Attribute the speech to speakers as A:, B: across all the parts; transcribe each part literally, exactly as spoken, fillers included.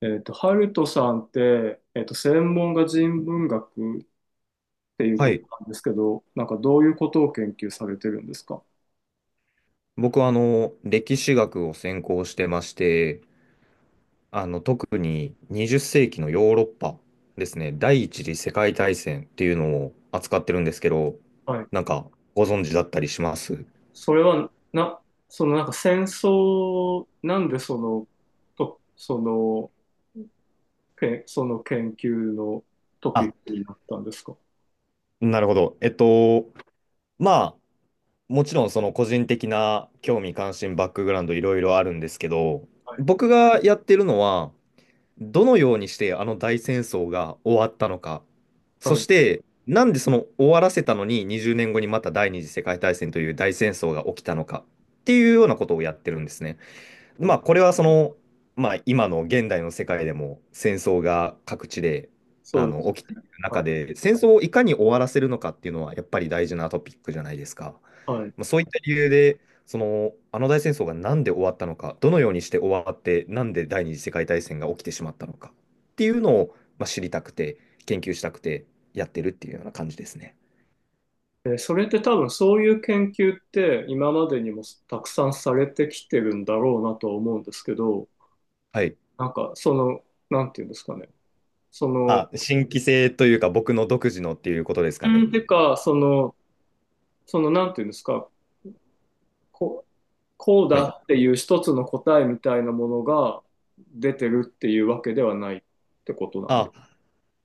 A: えっと、ハルトさんって、えっと、専門が人文学っていう
B: は
A: こと
B: い。
A: なんですけど、なんかどういうことを研究されてるんですか？
B: 僕はあの、歴史学を専攻してまして、あの、特ににじっせいき世紀のヨーロッパですね、第一次世界大戦っていうのを扱ってるんですけど、
A: はい。
B: なんかご存知だったりします？
A: それは、な、そのなんか戦争、なんでその、と、その、け、その研究のトピッ
B: あ、
A: クになったんですか？
B: なるほど。えっと、まあ、もちろんその個人的な興味関心、バックグラウンドいろいろあるんですけど、
A: はい。
B: 僕がやってるのは、どのようにしてあの大戦争が終わったのか、
A: は
B: そ
A: い。
B: してなんでその終わらせたのににじゅうねんごにまた第二次世界大戦という大戦争が起きたのかっていうようなことをやってるんですね。
A: あ、
B: まあ、これはその、まあ、今の現代の世界でも戦争が各地で
A: そ
B: あ
A: うで
B: の
A: す。
B: 起きている
A: あ、
B: 中で、戦争をいかに終わらせるのかっていうのはやっぱり大事なトピックじゃないですか。
A: はい。
B: まあ、そういった理由で、その、あの大戦争がなんで終わったのか、どのようにして終わって、なんで第二次世界大戦が起きてしまったのかっていうのを、まあ、知りたくて、研究したくてやってるっていうような感じですね。
A: えそれって多分そういう研究って今までにもたくさんされてきてるんだろうなとは思うんですけど、
B: はい。
A: なんか、その、なんていうんですかね。その、
B: あ、新規性というか、僕の独自のっていうことですか
A: う
B: ね。
A: んてか、その、その、なんていうんですか、こう、こう
B: は
A: だ
B: い。
A: っていう一つの答えみたいなものが出てるっていうわけではないってことなんです
B: あ、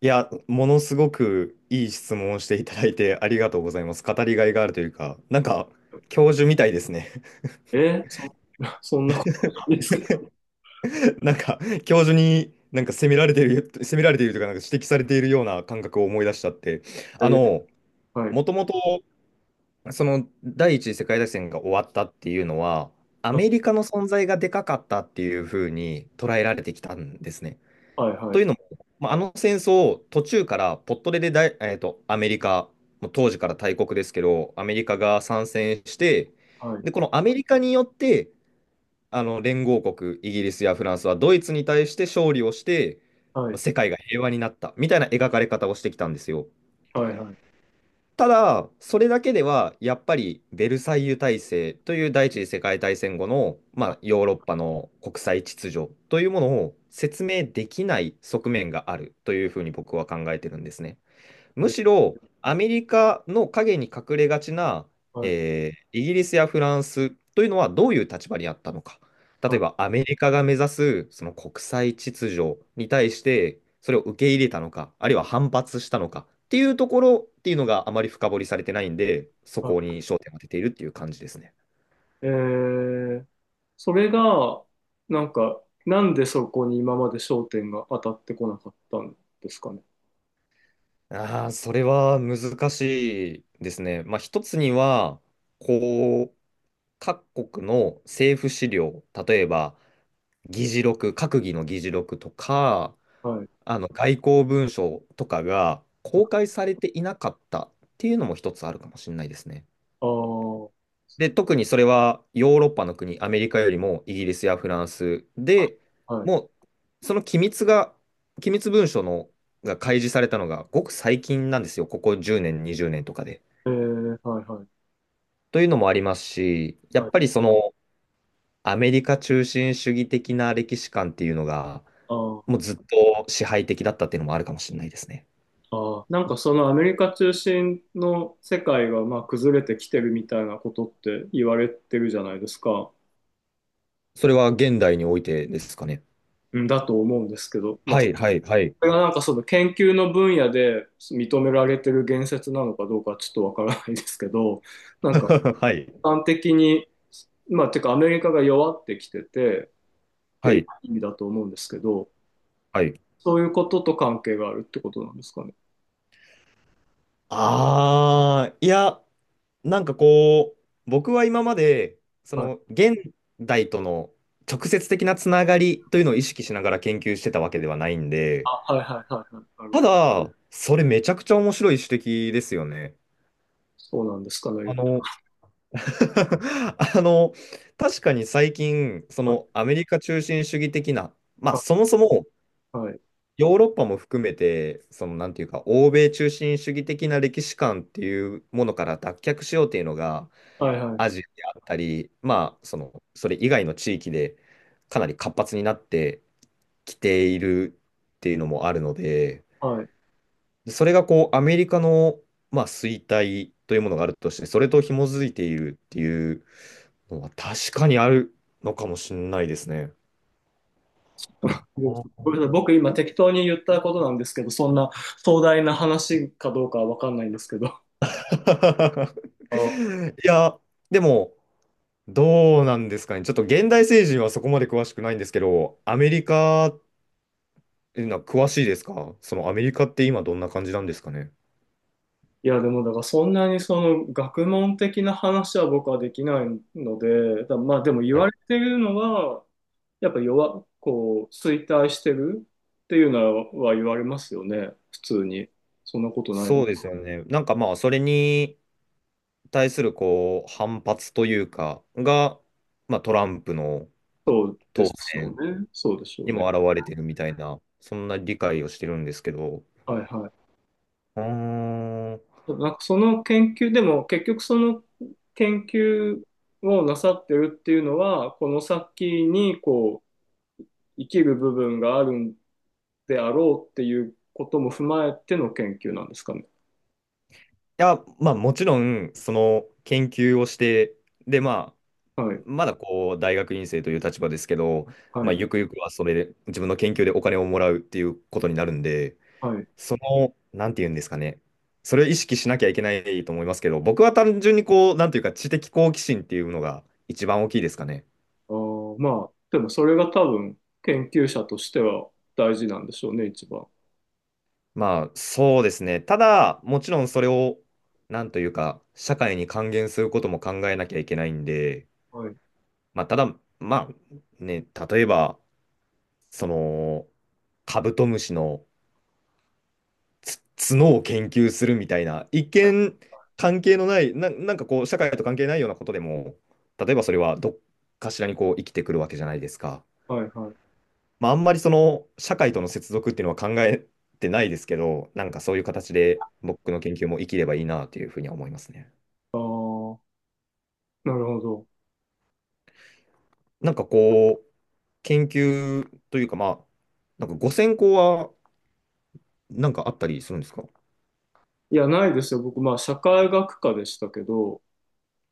B: いや、ものすごくいい質問をしていただいて ありがとうございます。語りがいがあるというか、なんか、
A: よ。
B: 教授みたいですね。
A: えーそ、そんなことないですけど。
B: なんか、教授になんか責められてる、責められているというか、なんか指摘されているような感覚を思い出しちゃって。
A: え
B: あ
A: ー
B: の、
A: はい。
B: もともと、その、第一次世界大戦が終わったっていうのは、アメ
A: あ、
B: リカの存在がでかかったっていうふうに捉えられてきたんですね。
A: はいは
B: と
A: い。
B: いうのも、まあ、あの戦争を途中からポットレでだい、えーと、アメリカ、もう当時から大国ですけど、アメリカが参戦して、
A: はい。
B: で、このアメリカによって、あの連合国、イギリスやフランスはドイツに対して勝利をして、
A: は
B: まあ
A: い。
B: 世界が平和になったみたいな描かれ方をしてきたんですよ。
A: はい。はい。
B: ただ、それだけでは、やっぱりベルサイユ体制という第一次世界大戦後の、まあ、ヨーロッパの国際秩序というものを説明できない側面があるというふうに僕は考えてるんですね。
A: え
B: む
A: ー
B: しろ
A: は
B: アメ
A: い。
B: リカの陰に隠れがちな、
A: は
B: えーイギリスやフランスというのはどういう立場にあったのか。例えば
A: い。
B: アメリカが目指すその国際秩序に対してそれを受け入れたのか、あるいは反発したのかっていうところっていうのがあまり深掘りされてないんで、そ
A: は
B: こに焦点を当てているっていう感じですね。
A: い。えーそれが、なんか、なんでそこに今まで焦点が当たってこなかったんですかね。
B: ああ、それは難しいですね。まあ、一つには、こう、各国の政府資料、例えば、議事録、閣議の議事録とか、
A: はい。
B: あの外交文書とかが公開されていなかったっていうのも一つあるかもしれないですね。
A: ああ、
B: で、特にそれはヨーロッパの国、アメリカよりもイギリスやフランスで、
A: はい。
B: もうその機密が、機密文書のが開示されたのがごく最近なんですよ、ここじゅうねん、にじゅうねんとかで。
A: えー、はい、はい。
B: というのもありますし、やっ
A: は
B: ぱり
A: い。
B: そのアメリカ中心主義的な歴史観っていうのが、
A: あ
B: も
A: あ、
B: うずっと支配的だったっていうのもあるかもしれないですね。
A: ああ。なんかそのアメリカ中心の世界がまあ崩れてきてるみたいなことって言われてるじゃないですか。
B: それは現代においてですかね。
A: うん、だと思うんですけど、まあ、
B: は
A: そ
B: い、はい、はい。
A: れがなんかその研究の分野で認められてる言説なのかどうかちょっとわからないですけど、なんか
B: はい、
A: 一般的に、まあ、てかアメリカが弱ってきててって
B: は
A: いう
B: い、
A: 意味だと思うんですけど、
B: はい。
A: そういうことと関係があるってことなんですかね。
B: ああ、いや、なんかこう、僕は今まで、その現代との直接的なつながりというのを意識しながら研究してたわけではないん
A: あ、
B: で、
A: はいはいはいはい。なるほ
B: た
A: ど。
B: だ、それめちゃくちゃ面白い指摘ですよね。
A: そうなんですかね、
B: あ
A: よく。
B: の、あの、確かに最近、そ
A: は
B: のアメリカ中心主義的な、まあそもそも
A: い
B: ヨーロッパも含めて、そのなんていうか、欧米中心主義的な歴史観っていうものから脱却しようっていうのが、
A: はいはいは
B: アジ
A: い
B: アであったり、まあ、その、それ以外の地域でかなり活発になってきているっていうのもあるので、
A: はいはい。
B: それがこう、アメリカの、まあ、衰退というものがあるとして、それと紐づいているっていうのは確かにあるのかもしれないですね。
A: でもごめんなさい。僕今適当に言ったことなんですけど、そんな壮大な話かどうかはわかんないんですけど。あ、
B: いや、でも、どうなんですかね。ちょっと現代政治はそこまで詳しくないんですけど、アメリカっていうのは詳しいですか？そのアメリカって今どんな感じなんですかね。
A: いや、でもだからそんなにその学問的な話は僕はできないので、だまあでも言
B: は
A: わ
B: い、
A: れてるのは、やっぱ弱、こう、衰退してるっていうのは言われますよね、普通に。そんなことないの。
B: そうですよね。なんかまあ、それに対するこう反発というか、が、まあ、トランプの
A: そうで
B: 当
A: すよ
B: 選
A: ね。そうでしょう
B: に
A: ね。
B: も表れてるみたいな、そんな理解をしてるんですけど、
A: はいはい。
B: うーん。い
A: なんかその研究でも結局その研究をなさってるっていうのはこの先にこう生きる部分があるんであろうっていうことも踏まえての研究なんですかね。
B: や、まあ、もちろん、その研究をして、で、ま
A: は
B: あ、
A: い
B: まだこう、大学院生という立場ですけど、
A: は
B: まあ、
A: い
B: ゆくゆくはそれで、自分の研究でお金をもらうっていうことになるんで、
A: はい。
B: その、なんて言うんですかね。それを意識しなきゃいけないと思いますけど、僕は単純にこう、なんていうか、知的好奇心っていうのが一番大きいですかね。
A: あー、まあでもそれが多分研究者としては大事なんでしょうね、一番。
B: まあ、そうですね。ただ、もちろんそれを、なんというか、社会に還元することも考えなきゃいけないんで、
A: はい
B: まあ、ただ、まあ、ね、例えば、その、カブトムシのつ角を研究するみたいな、一見関係のない、な、なんかこう、社会と関係ないようなことでも、例えばそれはどっかしらにこう生きてくるわけじゃないですか。
A: はいはい。
B: まあ、あんまりその社会との接続っていうのは考えてないですけど、なんかそういう形で僕の研究も生きればいいなというふうには思いますね。
A: ああ、なるほど。
B: なんかこう、研究というか、まあ、なんかごゼロ ゼロはなんかあったりするんですか？
A: いや、ないですよ。僕まあ社会学科でしたけど。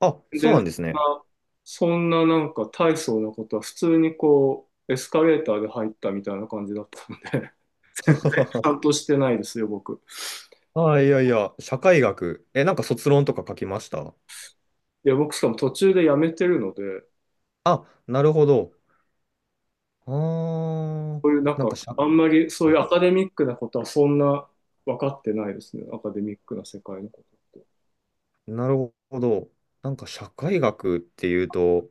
B: あ、
A: 全
B: そう
A: 然
B: なんですね。
A: そんな、そんななんか大層なことは普通にこう、エスカレーターで入ったみたいな感じだったので、ちゃ んとしてないですよ、僕。
B: あ、いやいや、社会学。え、なんか卒論とか書きました？
A: いや、僕しかも途中で辞めてるので、
B: あ、なるほど。ああ、
A: こういうなん
B: なん
A: か、
B: か社
A: あんまりそういう
B: 会、
A: アカデミックなことはそんな分かってないですね、アカデミックな世界のことって。
B: なるほど。なんか社会学っていうと、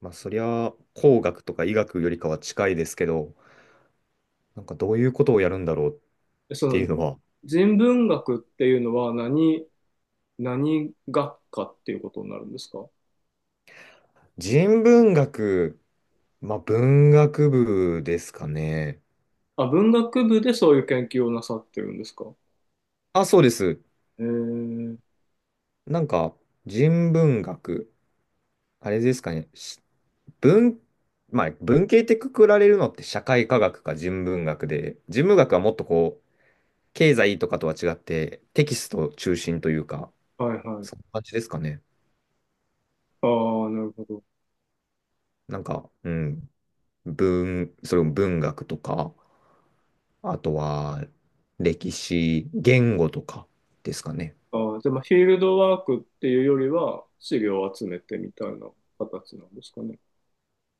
B: まあそりゃ工学とか医学よりかは近いですけど、なんかどういうことをやるんだろうっ
A: でそ
B: てい
A: の
B: うのは、
A: 人文学っていうのは何、何学科っていうことになるんですか？
B: 人文学、まあ文学部ですかね。
A: あ、文学部でそういう研究をなさってるんですか？
B: あ、そうです。
A: えー、
B: なんか人文学、あれですかね。し文、まあ文系ってくくられるのって社会科学か人文学で、人文学はもっとこう、経済とかとは違って、テキスト中心というか、
A: はいはい。
B: そんな感じですかね。
A: ああ、なるほど。
B: なんか、うん、文、それも文学とか、あとは歴史、言語とかですかね。
A: ああ、じゃあ、まあ、フィールドワークっていうよりは、資料を集めてみたいな形なんですかね。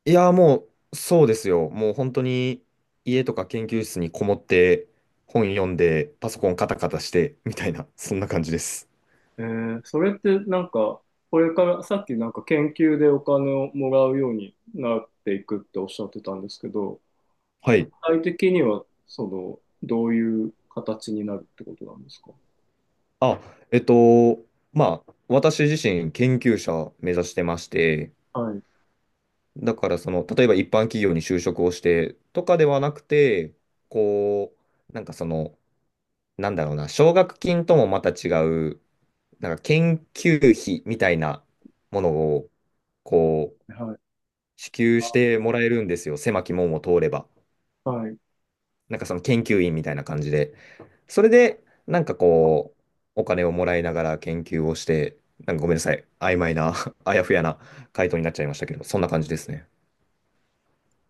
B: いやー、もう、そうですよ。もう本当に家とか研究室にこもって、本読んで、パソコンカタカタして、みたいな、そんな感じです。
A: えー、それってなんか、これからさっきなんか研究でお金をもらうようになっていくっておっしゃってたんですけど、
B: はい。
A: 具体的には、その、どういう形になるってことなんですか？
B: あ、えっと、まあ、私自身研究者目指してまして、
A: はい、
B: だからその、例えば一般企業に就職をしてとかではなくて、こう、なんかその、なんだろうな、奨学金ともまた違う、なんか研究費みたいなものを、こう、
A: はい、
B: 支給してもらえるんですよ。狭き門を通れば。
A: はい。
B: なんかその研究員みたいな感じで。それで、なんかこう、お金をもらいながら研究をして、なんかごめんなさい。曖昧な、あやふやな回答になっちゃいましたけど、そんな感じですね。